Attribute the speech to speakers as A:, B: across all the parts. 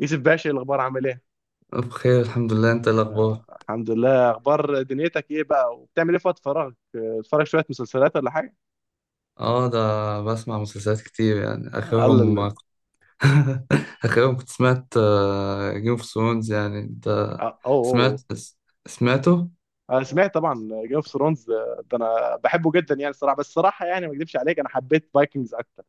A: يوسف باشا، إيه الاخبار؟ عامل ايه؟
B: بخير، الحمد لله. انت ايه الاخبار؟
A: آه، الحمد لله. اخبار دنيتك ايه بقى؟ وبتعمل ايه في وقت فراغك؟ آه، بتتفرج شويه مسلسلات ولا حاجه؟
B: اه ده بسمع مسلسلات كتير، يعني
A: آه، الله
B: اخرهم
A: الله الله.
B: اخرهم كنت سمعت جيم اوف ثرونز. يعني انت
A: آه، اوه اوه.
B: سمعت سمعته.
A: انا سمعت طبعا جيم اوف ثرونز. ده انا بحبه جدا يعني الصراحه. بس الصراحه يعني ما اكذبش عليك، انا حبيت فايكنجز اكتر.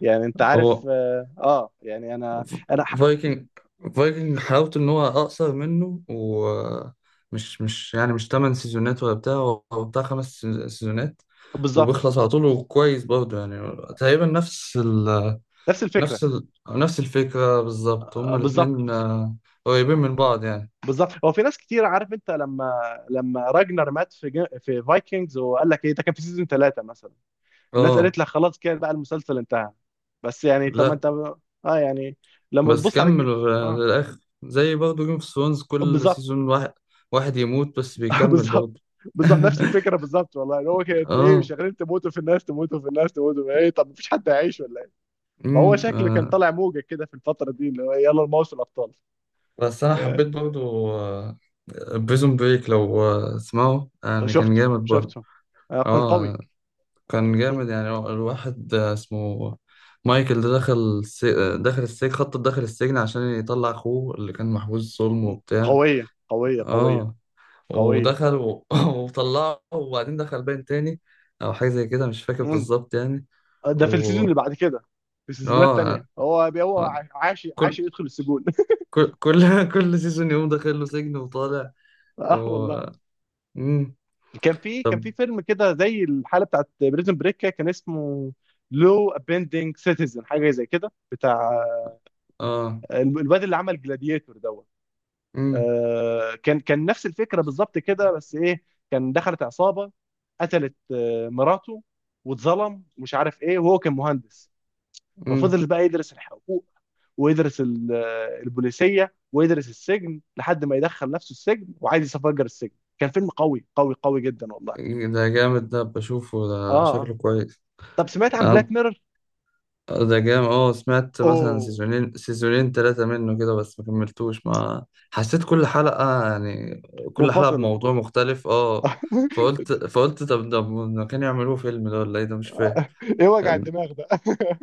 A: يعني انت عارف،
B: هو
A: يعني انا
B: فايكنج فايكنج حلاوته ان هو اقصر منه، ومش مش يعني مش 8 سيزونات ولا بتاع، هو بتاع 5 سيزونات
A: بالظبط.
B: وبيخلص على طول، وكويس برضه. يعني تقريبا
A: نفس الفكره.
B: نفس الفكرة بالظبط.
A: آه،
B: هما
A: بالظبط
B: الاتنين قريبين من بعض يعني.
A: بالظبط. هو في ناس كتير عارف. انت لما راجنر مات في في فايكنجز، وقال لك ايه ده؟ كان في سيزون ثلاثه مثلا. الناس
B: اه،
A: قالت لك خلاص كده بقى، المسلسل انتهى. بس يعني طب ما
B: لا
A: انت. اه يعني لما
B: بس
A: تبص على
B: كملوا
A: اه
B: للآخر، زي برضه جيم اوف ثرونز، كل
A: بالظبط.
B: سيزون واحد واحد يموت بس بيكمل
A: بالظبط.
B: برضه.
A: بالظبط نفس الفكره بالظبط والله. يعني هو كان انت ايه؟
B: اه
A: شغالين تموتوا في الناس، تموتوا في الناس، تموتوا في ايه؟ طب مفيش حد هيعيش ولا ايه؟
B: امم
A: فهو شكله كان
B: آه.
A: طالع موجه كده في الفتره دي، اللي هو إيه، يلا الموسم الابطال.
B: بس انا
A: آه،
B: حبيت برضه بريزون بريك، لو تسمعوا، يعني كان
A: شفته
B: جامد برضه.
A: شفته. آه، كان قوي.
B: اه، كان
A: ق-
B: جامد. يعني هو الواحد اسمه مايكل ده دخل دخل السجن، خطط دخل السجن عشان يطلع أخوه اللي كان محبوس ظلم وبتاع.
A: قويه قويه قويه
B: اه،
A: قويه.
B: ودخل و... وطلعه، وبعدين دخل باين تاني، أو حاجة زي كده، مش فاكر
A: مم.
B: بالظبط يعني.
A: ده في السيزون
B: و
A: اللي بعد كده. في السيزونات التانية
B: اه
A: هو
B: آه،
A: عاش
B: كل
A: عاش يدخل السجون.
B: كل كل سيزون يقوم داخل له سجن وطالع.
A: اه
B: و...
A: والله.
B: مم.
A: كان في كان
B: طب
A: في فيلم كده زي الحاله بتاعت بريزن بريك، كان اسمه لو ابندنج سيتيزن، حاجه زي كده بتاع
B: اه.
A: الواد اللي عمل جلاديتور دوت.
B: مم.
A: آه، كان نفس الفكره بالظبط كده. بس ايه، كان دخلت عصابه، قتلت مراته، واتظلم مش عارف ايه، وهو كان مهندس.
B: مم.
A: ففضل بقى يدرس الحقوق، ويدرس البوليسيه، ويدرس السجن لحد ما يدخل نفسه السجن وعايز يفجر السجن. كان فيلم قوي قوي قوي جدا والله.
B: ده جامد، ده بشوفه،
A: اه
B: ده
A: اه.
B: شكله كويس.
A: طب سمعت عن بلاك ميرور؟
B: ده جام، اه سمعت مثلا
A: اوه.
B: سيزونين، 2 و3 منه كده، بس ما كملتوش. ما حسيت، كل حلقة يعني كل حلقة
A: منفصلة.
B: بموضوع مختلف. اه. فقلت طب ده ما كانوا يعملوه فيلم ده ولا ايه؟ ده مش فاهم
A: ايه وجع
B: يعني.
A: الدماغ ده؟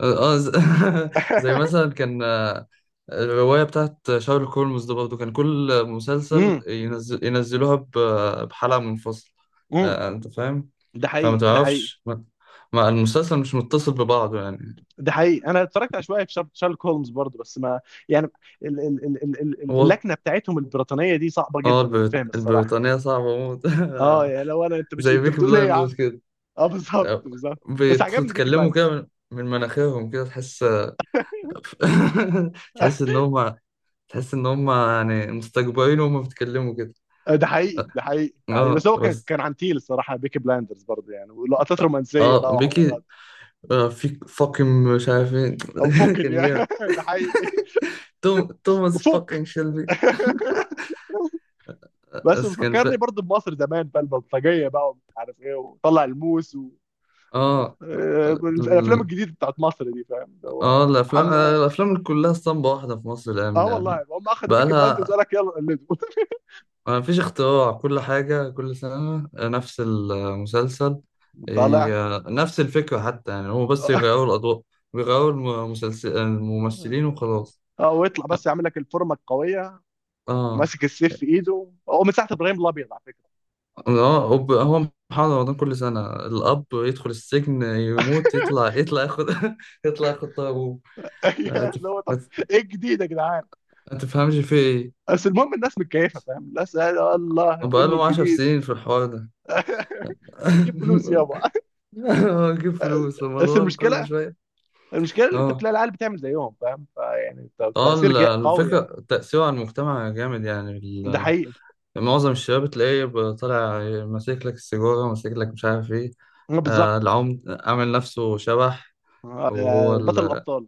B: اه زي مثلا كان الرواية بتاعت شارلوك هولمز، ده برضه كان كل مسلسل
A: امم
B: ينزل، ينزلوها بحلقة منفصلة.
A: امم
B: انت فاهم؟
A: ده
B: فما
A: حقيقي ده حقيقي.
B: تعرفش، المسلسل مش متصل ببعضه يعني.
A: ده حقيقي انا اتفرجت على شويه في شارلوك هولمز برضه، بس ما يعني
B: هو
A: اللكنه بتاعتهم البريطانيه دي صعبه
B: اه
A: جدا الفهم الصراحه.
B: البريطانية صعبة موت.
A: اه يعني لو انا، انت مش،
B: زي
A: انت
B: بيكي
A: بتقول ايه يا
B: بلايندرز
A: عم؟
B: كده،
A: اه بالظبط بالظبط. بس عجبني بيكي
B: بيتكلموا
A: بلايند.
B: كده من من مناخيرهم كده، تحس. تحس ان هم تحس ان هم يعني مستكبرين وهم بيتكلموا كده.
A: ده حقيقي ده حقيقي ده حقيقي.
B: اه
A: بس هو كان
B: بس،
A: كان عن تيل الصراحه بيكي بلايندرز برضه، يعني ولقطات رومانسيه
B: اه
A: بقى
B: بيكي
A: وحوارات.
B: في فاكين، مش عارفين.
A: او فوكن
B: كان
A: يعني.
B: جامد.
A: ده حقيقي.
B: توم، توماس
A: وفوك.
B: فاكين شيلبي.
A: بس
B: بس كان ف...
A: بيفكرني برضه بمصر زمان بقى البلطجيه بقى، ومش عارف ايه، وطلع الموس و...
B: اه
A: آه، الافلام
B: ال-
A: الجديده بتاعت مصر دي، فاهم اللي
B: اه
A: هو
B: الافلام
A: عم اه.
B: الافلام كلها اسطمبة واحدة في مصر الايام
A: آه
B: دي
A: والله
B: يعني.
A: هم اخذوا بيكي بلاندرز،
B: بقالها،
A: قال لك يلا قلده.
B: ما فيش اختراع، كل حاجة كل سنة نفس المسلسل.
A: طالع.
B: نفس الفكرة حتى يعني، هو بس
A: اه.
B: يغيروا الأضواء، بيغيروا المسلسل، الممثلين، وخلاص.
A: آه، ويطلع بس يعمل لك الفورمه القويه،
B: اه.
A: ماسك السيف في ايده هو، من ساعه ابراهيم الابيض، على فكره.
B: اه. هو هو محمد رمضان كل سنة، الأب يدخل السجن، يموت، يطلع، يطلع ياخد يطلع ياخد طار أبوه. آه،
A: اللي
B: تف-
A: هو
B: ما
A: طب
B: ت-
A: ايه الجديد يا جدعان؟
B: ما تفهمش في إيه.
A: بس المهم، الناس متكيفه، فاهم، الناس قال الله الفيلم
B: بقالهم عشر
A: الجديد.
B: سنين في الحوار ده.
A: بتجيب فلوس يابا.
B: أجيب فلوس
A: بس
B: رمضان كل
A: المشكله
B: شوية.
A: المشكله اللي انت
B: اه.
A: بتلاقي العيال بتعمل زيهم، فاهم، فيعني
B: اه
A: تاثير قوي يعني.
B: الفكرة تأثيره على المجتمع جامد يعني.
A: ده حقيقي.
B: معظم الشباب تلاقيه طالع ماسك لك السيجارة، ماسك لك مش عارف ايه.
A: آه، بالظبط.
B: آه، العمد عامل نفسه شبح.
A: آه،
B: وهو
A: يا بطل
B: ال...
A: الابطال.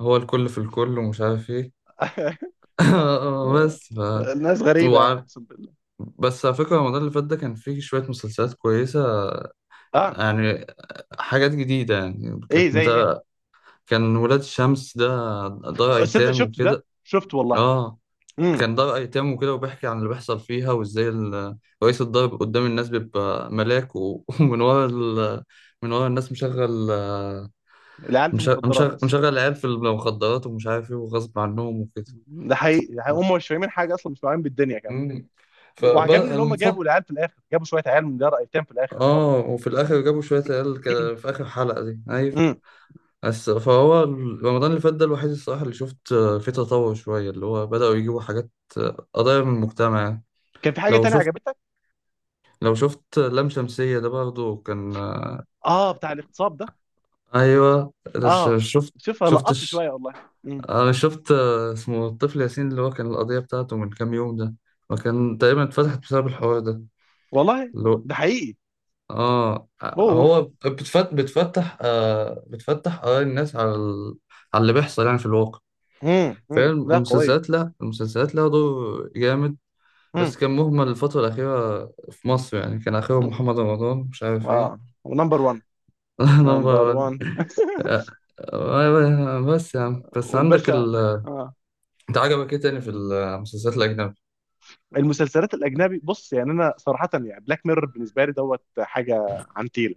B: هو الكل في الكل، ومش عارف ايه. بس ف
A: الناس غريبه يعني
B: وعارف،
A: اقسم بالله.
B: بس على فكرة رمضان اللي فات ده كان فيه شوية مسلسلات كويسة
A: اه،
B: يعني، حاجات جديدة يعني.
A: ايه زي ايه؟
B: كان ولاد الشمس ده، دار
A: صدق
B: أيتام
A: شفت ده،
B: وكده.
A: شفت والله.
B: اه،
A: امم
B: كان دار أيتام وكده، وبيحكي عن اللي بيحصل فيها وإزاي رئيس الدار قدام الناس بيبقى ملاك، و- ومن ورا من ورا الناس مشغل،
A: العيال في
B: مش- مشغل
A: المخدرات.
B: مشغل عيال في المخدرات، ومش عارف إيه، وغصب عنهم وكده.
A: ده حقيقي ده حقيقي. هم مش فاهمين حاجه اصلا، مش فاهمين بالدنيا كمان.
B: مم.
A: وعجبني
B: فبقى
A: اللي هم
B: المفضل،
A: جابوا العيال في الاخر، جابوا شويه عيال من جرأة ايتام في الاخر برضه.
B: آه. وفي الآخر جابوا شوية عيال كده في آخر حلقة دي، أيوة.
A: امم.
B: بس فهو رمضان اللي فات ده الوحيد الصراحة اللي شفت فيه تطور شوية، اللي هو بدأوا يجيبوا حاجات، آه، قضايا من المجتمع يعني.
A: كان في حاجه
B: لو
A: تانية
B: شفت،
A: عجبتك؟
B: لو شفت لام شمسية، ده برضه كان
A: اه، بتاع الاغتصاب ده.
B: أيوه. ش-
A: اه،
B: شفت
A: شوفها
B: شفت
A: لقطت
B: ش-
A: شويه والله.
B: أنا شفت. آه، اسمه الطفل ياسين اللي هو كان القضية بتاعته من كام يوم ده، وكان تقريبا اتفتحت بسبب الحوار ده.
A: والله
B: اللي هو
A: ده حقيقي.
B: آه،
A: اوف.
B: هو بتفتح آراء الناس على اللي بيحصل يعني في الواقع.
A: امم،
B: فاهم،
A: لا قويه.
B: المسلسلات، لا المسلسلات لها دور جامد.
A: امم.
B: بس كان مهمل الفترة الأخيرة في مصر يعني، كان آخرهم محمد رمضان مش عارف
A: اه،
B: إيه.
A: ونمبر 1. نمبر
B: نمبر.
A: 1.
B: آه، بس يا عم، بس عندك
A: والباشا.
B: ال،
A: اه.
B: انت عجبك ايه تاني في المسلسلات الأجنبي؟
A: المسلسلات الاجنبي، بص يعني انا صراحه، يعني بلاك ميرور بالنسبه لي دوت حاجه. عنتيله.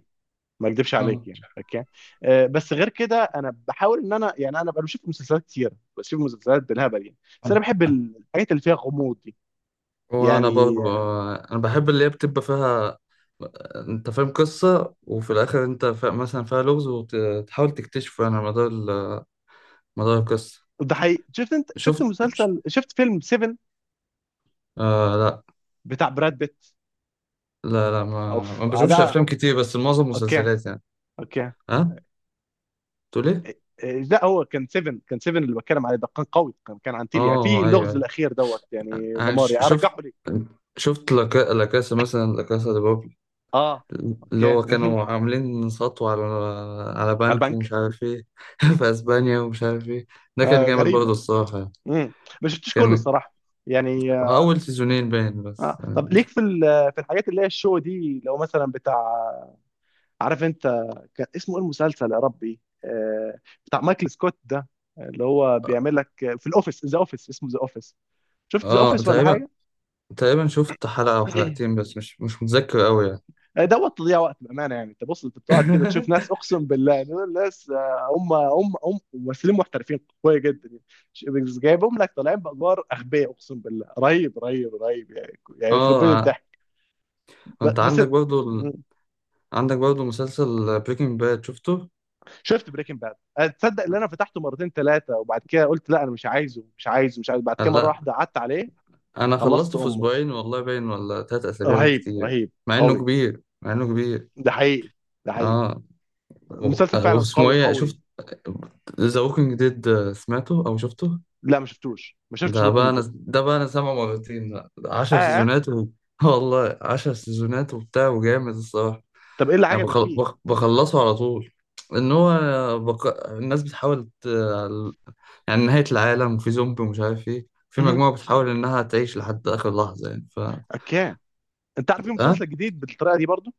A: ما اكدبش عليك
B: اه، مش
A: يعني، اوكي. آه بس غير كده انا بحاول ان انا بقى بشوف مسلسلات كتير، بشوف مسلسلات بالهبل يعني. بس انا
B: عارف.
A: بحب الحاجات اللي فيها غموض دي
B: وانا
A: يعني.
B: برضه، انا بحب اللي هي بتبقى فيها، انت فاهم، قصة، وفي الاخر انت مثلا فيها لغز وتحاول تكتشفه، يعني على مدار القصة.
A: ده حقيقي. شفت، انت
B: شفت؟
A: شفت مسلسل، شفت فيلم 7
B: آه لا
A: بتاع براد بيت.
B: لا لا، ما ما
A: اوف آه،
B: بشوفش
A: ده
B: افلام كتير، بس معظم
A: اوكي
B: مسلسلات يعني.
A: اوكي.
B: ها، تقول ايه؟
A: إيه، إيه، لا هو كان 7 كان 7 اللي بتكلم عليه ده، كان قوي. كان عن تيليا في
B: اه،
A: اللغز
B: ايوه.
A: الاخير دوت، يعني
B: يعني
A: دماري
B: ش- شفت
A: رجعه لي.
B: شفت لا لا كاسا، مثلا لا كاسا دي
A: اه
B: اللي
A: اوكي
B: هو
A: مهم.
B: كانوا عاملين سطو على، على
A: على
B: بنك ومش
A: البنك.
B: عارف ايه، في اسبانيا ومش عارف ايه. ده كان
A: آه
B: جامد
A: غريبه.
B: برضه الصراحة يعني.
A: مم. ما شفتش كله
B: كان
A: الصراحه يعني آه.
B: اول 2 باين بس.
A: آه. طب ليك في في الحاجات اللي هي الشو دي، لو مثلا بتاع، عارف انت، كان اسمه ايه المسلسل يا ربي آه، بتاع مايكل سكوت ده، اللي هو بيعمل لك في الاوفيس، ذا اوفيس اسمه. ذا اوفيس، شفت ذا
B: اه،
A: اوفيس ولا
B: تقريبا
A: حاجه؟
B: تقريبا شفت 1 أو 2 حلقة، بس مش مش متذكر قوي يعني.
A: دوت تضييع وقت بامانه يعني. انت بص، انت بتقعد كده تشوف ناس اقسم بالله، دول ناس، آه، هم ممثلين محترفين قويه جدا يعني. بس جايبهم لك طالعين بادوار اغبياء اقسم بالله، رهيب رهيب رهيب يعني يخرب
B: اه
A: بيت
B: ع-
A: الضحك.
B: انت
A: بس.
B: عندك برضو
A: م.
B: عندك برضو مسلسل بريكنج باد، شفته؟
A: شفت بريكنج باد. تصدق ان انا فتحته مرتين ثلاثه، وبعد كده قلت لا انا مش عايزه مش عايزه مش عايزه، بعد كده مره
B: لا،
A: واحده قعدت عليه.
B: انا
A: خلصت
B: خلصته في
A: امه.
B: اسبوعين والله باين، ولا 3 اسابيع
A: رهيب
B: بالكتير.
A: رهيب
B: مع انه
A: قوي.
B: كبير، مع انه كبير.
A: ده حقيقي ده حقيقي.
B: اه.
A: المسلسل فعلا
B: واسمه
A: قوي
B: ايه،
A: قوي.
B: شفت ذا ووكينج ديد؟ سمعته او شفته؟
A: لا ما شفتوش، ما شفتش بوكينج.
B: ده بقى انا سامعه مرتين بقى. عشر
A: ده
B: سيزونات و... والله 10 سيزونات وبتاع، وجامد الصراحة.
A: طب ايه اللي عجبك فيه؟
B: بخلصه على طول. ان هو، بق... الناس بتحاول ت... يعني نهاية العالم، وفي زومبي، ومش عارف ايه، في
A: مهم.
B: مجموعة بتحاول انها تعيش لحد اخر لحظة يعني ف.
A: اوكي. انت عارف في
B: اه،
A: مسلسل جديد بالطريقه دي برضو.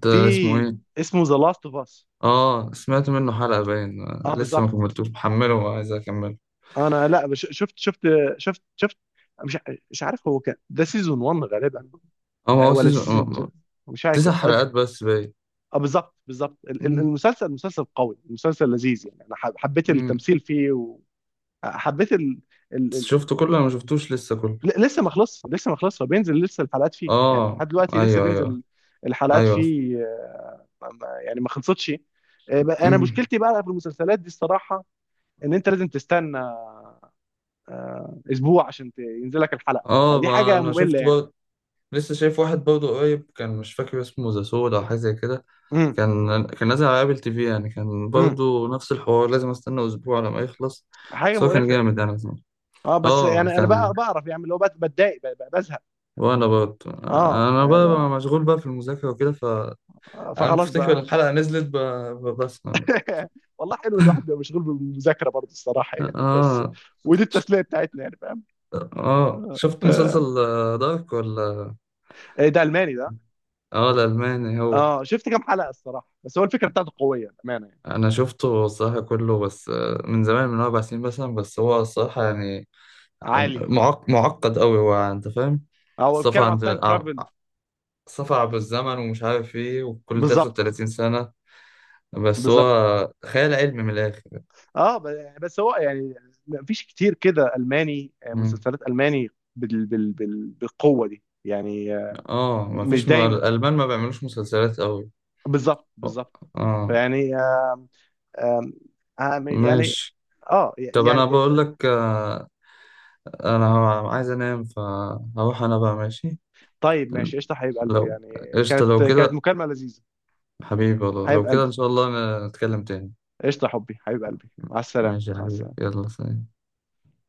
B: ده
A: في
B: اسمه ايه؟
A: اسمه ذا لاست اوف اس.
B: اه، سمعت منه حلقة باين،
A: اه
B: لسه ما
A: بالظبط.
B: كملتوش محمله، وعايز اكمله.
A: انا لا بش- شفت مش ع- مش عارف هو كان ده سيزون 1 غالبا،
B: اه، ما
A: آه،
B: هو
A: ولا سيزون 2؟
B: سيزون،
A: مش
B: تسع
A: فاكر اه.
B: حلقات بس باين.
A: آه، بالظبط بالظبط.
B: مم.
A: المسلسل مسلسل قوي، مسلسل لذيذ يعني. انا حبيت
B: مم.
A: التمثيل فيه وحبيت
B: شفته كله؟ انا ما شفتوش لسه كله.
A: لسه ما خلصش فبينزل لسه الحلقات فيه يعني،
B: اه
A: لحد دلوقتي لسه
B: ايوه ايوه.
A: بينزل الحلقات
B: ايوه.
A: فيه. يعني ما خلصتش. انا
B: مم.
A: مشكلتي بقى في المسلسلات دي الصراحه، ان انت لازم تستنى اسبوع عشان ينزل لك الحلقه،
B: اه،
A: فدي
B: ما
A: حاجه
B: انا
A: ممله
B: شفت
A: يعني.
B: بقى. لسه شايف واحد برضه قريب، كان مش فاكر اسمه ذا سود او حاجه زي كده،
A: امم،
B: كان كان نازل على ابل تي في يعني، كان
A: امم.
B: برضه نفس الحوار، لازم استنى اسبوع على ما يخلص.
A: حاجه
B: بس هو كان
A: مقرفه يعني.
B: جامد يعني زمان.
A: اه بس
B: اه
A: يعني انا بقى
B: كان.
A: بعرف يعني، اللي هو بتضايق، بزهق.
B: وانا برضه
A: اه
B: انا بقى
A: فلا،
B: بقى مشغول بقى في المذاكره وكده ف.
A: آه،
B: انا
A: فخلاص
B: بفتكر
A: بقى.
B: الحلقه نزلت بسمع.
A: والله حلو، الواحد بيبقى مشغول بالمذاكره برضه الصراحه يعني، بس
B: اه.
A: ودي التسليه بتاعتنا يعني.
B: اه شفت
A: فاهم.
B: مسلسل دارك ولا؟
A: إيه ده؟ الماني ده؟
B: اه، الألماني هو.
A: اه شفت كام حلقه الصراحه، بس هو الفكره بتاعته قويه بامانه يعني.
B: أنا شفته الصراحة كله بس من زمان، من 4 سنين مثلا، بس هو الصراحة يعني
A: عالي.
B: معقد أوي هو، أنت فاهم.
A: هو
B: السفر
A: بيتكلم على
B: عند
A: التايم
B: عم-
A: ترافل.
B: السفر عبر الزمن ومش عارف إيه، وكل
A: بالظبط
B: 33 سنة. بس
A: بالظبط.
B: هو خيال علمي من الآخر.
A: اه بس هو يعني مفيش كتير كده الماني، آه،
B: مم.
A: مسلسلات الماني بالقوه دي يعني آه،
B: اه،
A: مش دايما.
B: الألمان ما بيعملوش مسلسلات أوي.
A: بالظبط بالظبط.
B: اه،
A: فيعني آم، آم، آم، يعني
B: ماشي.
A: اه
B: طب
A: يعني.
B: أنا بقول لك انا عايز انام فهروح انا بقى، ماشي؟
A: طيب، ماشي قشطه حبيب قلبي.
B: لو،
A: يعني
B: قشطة
A: كانت
B: لو
A: كانت
B: كده،
A: مكالمه لذيذه.
B: حبيبي والله،
A: حبيب
B: لو كده ان
A: قلبي.
B: شاء الله نتكلم تاني.
A: قشطه، حبيب قلبي، مع السلامه
B: ماشي يا
A: مع
B: حبيبي،
A: السلامه.
B: يلا سلام.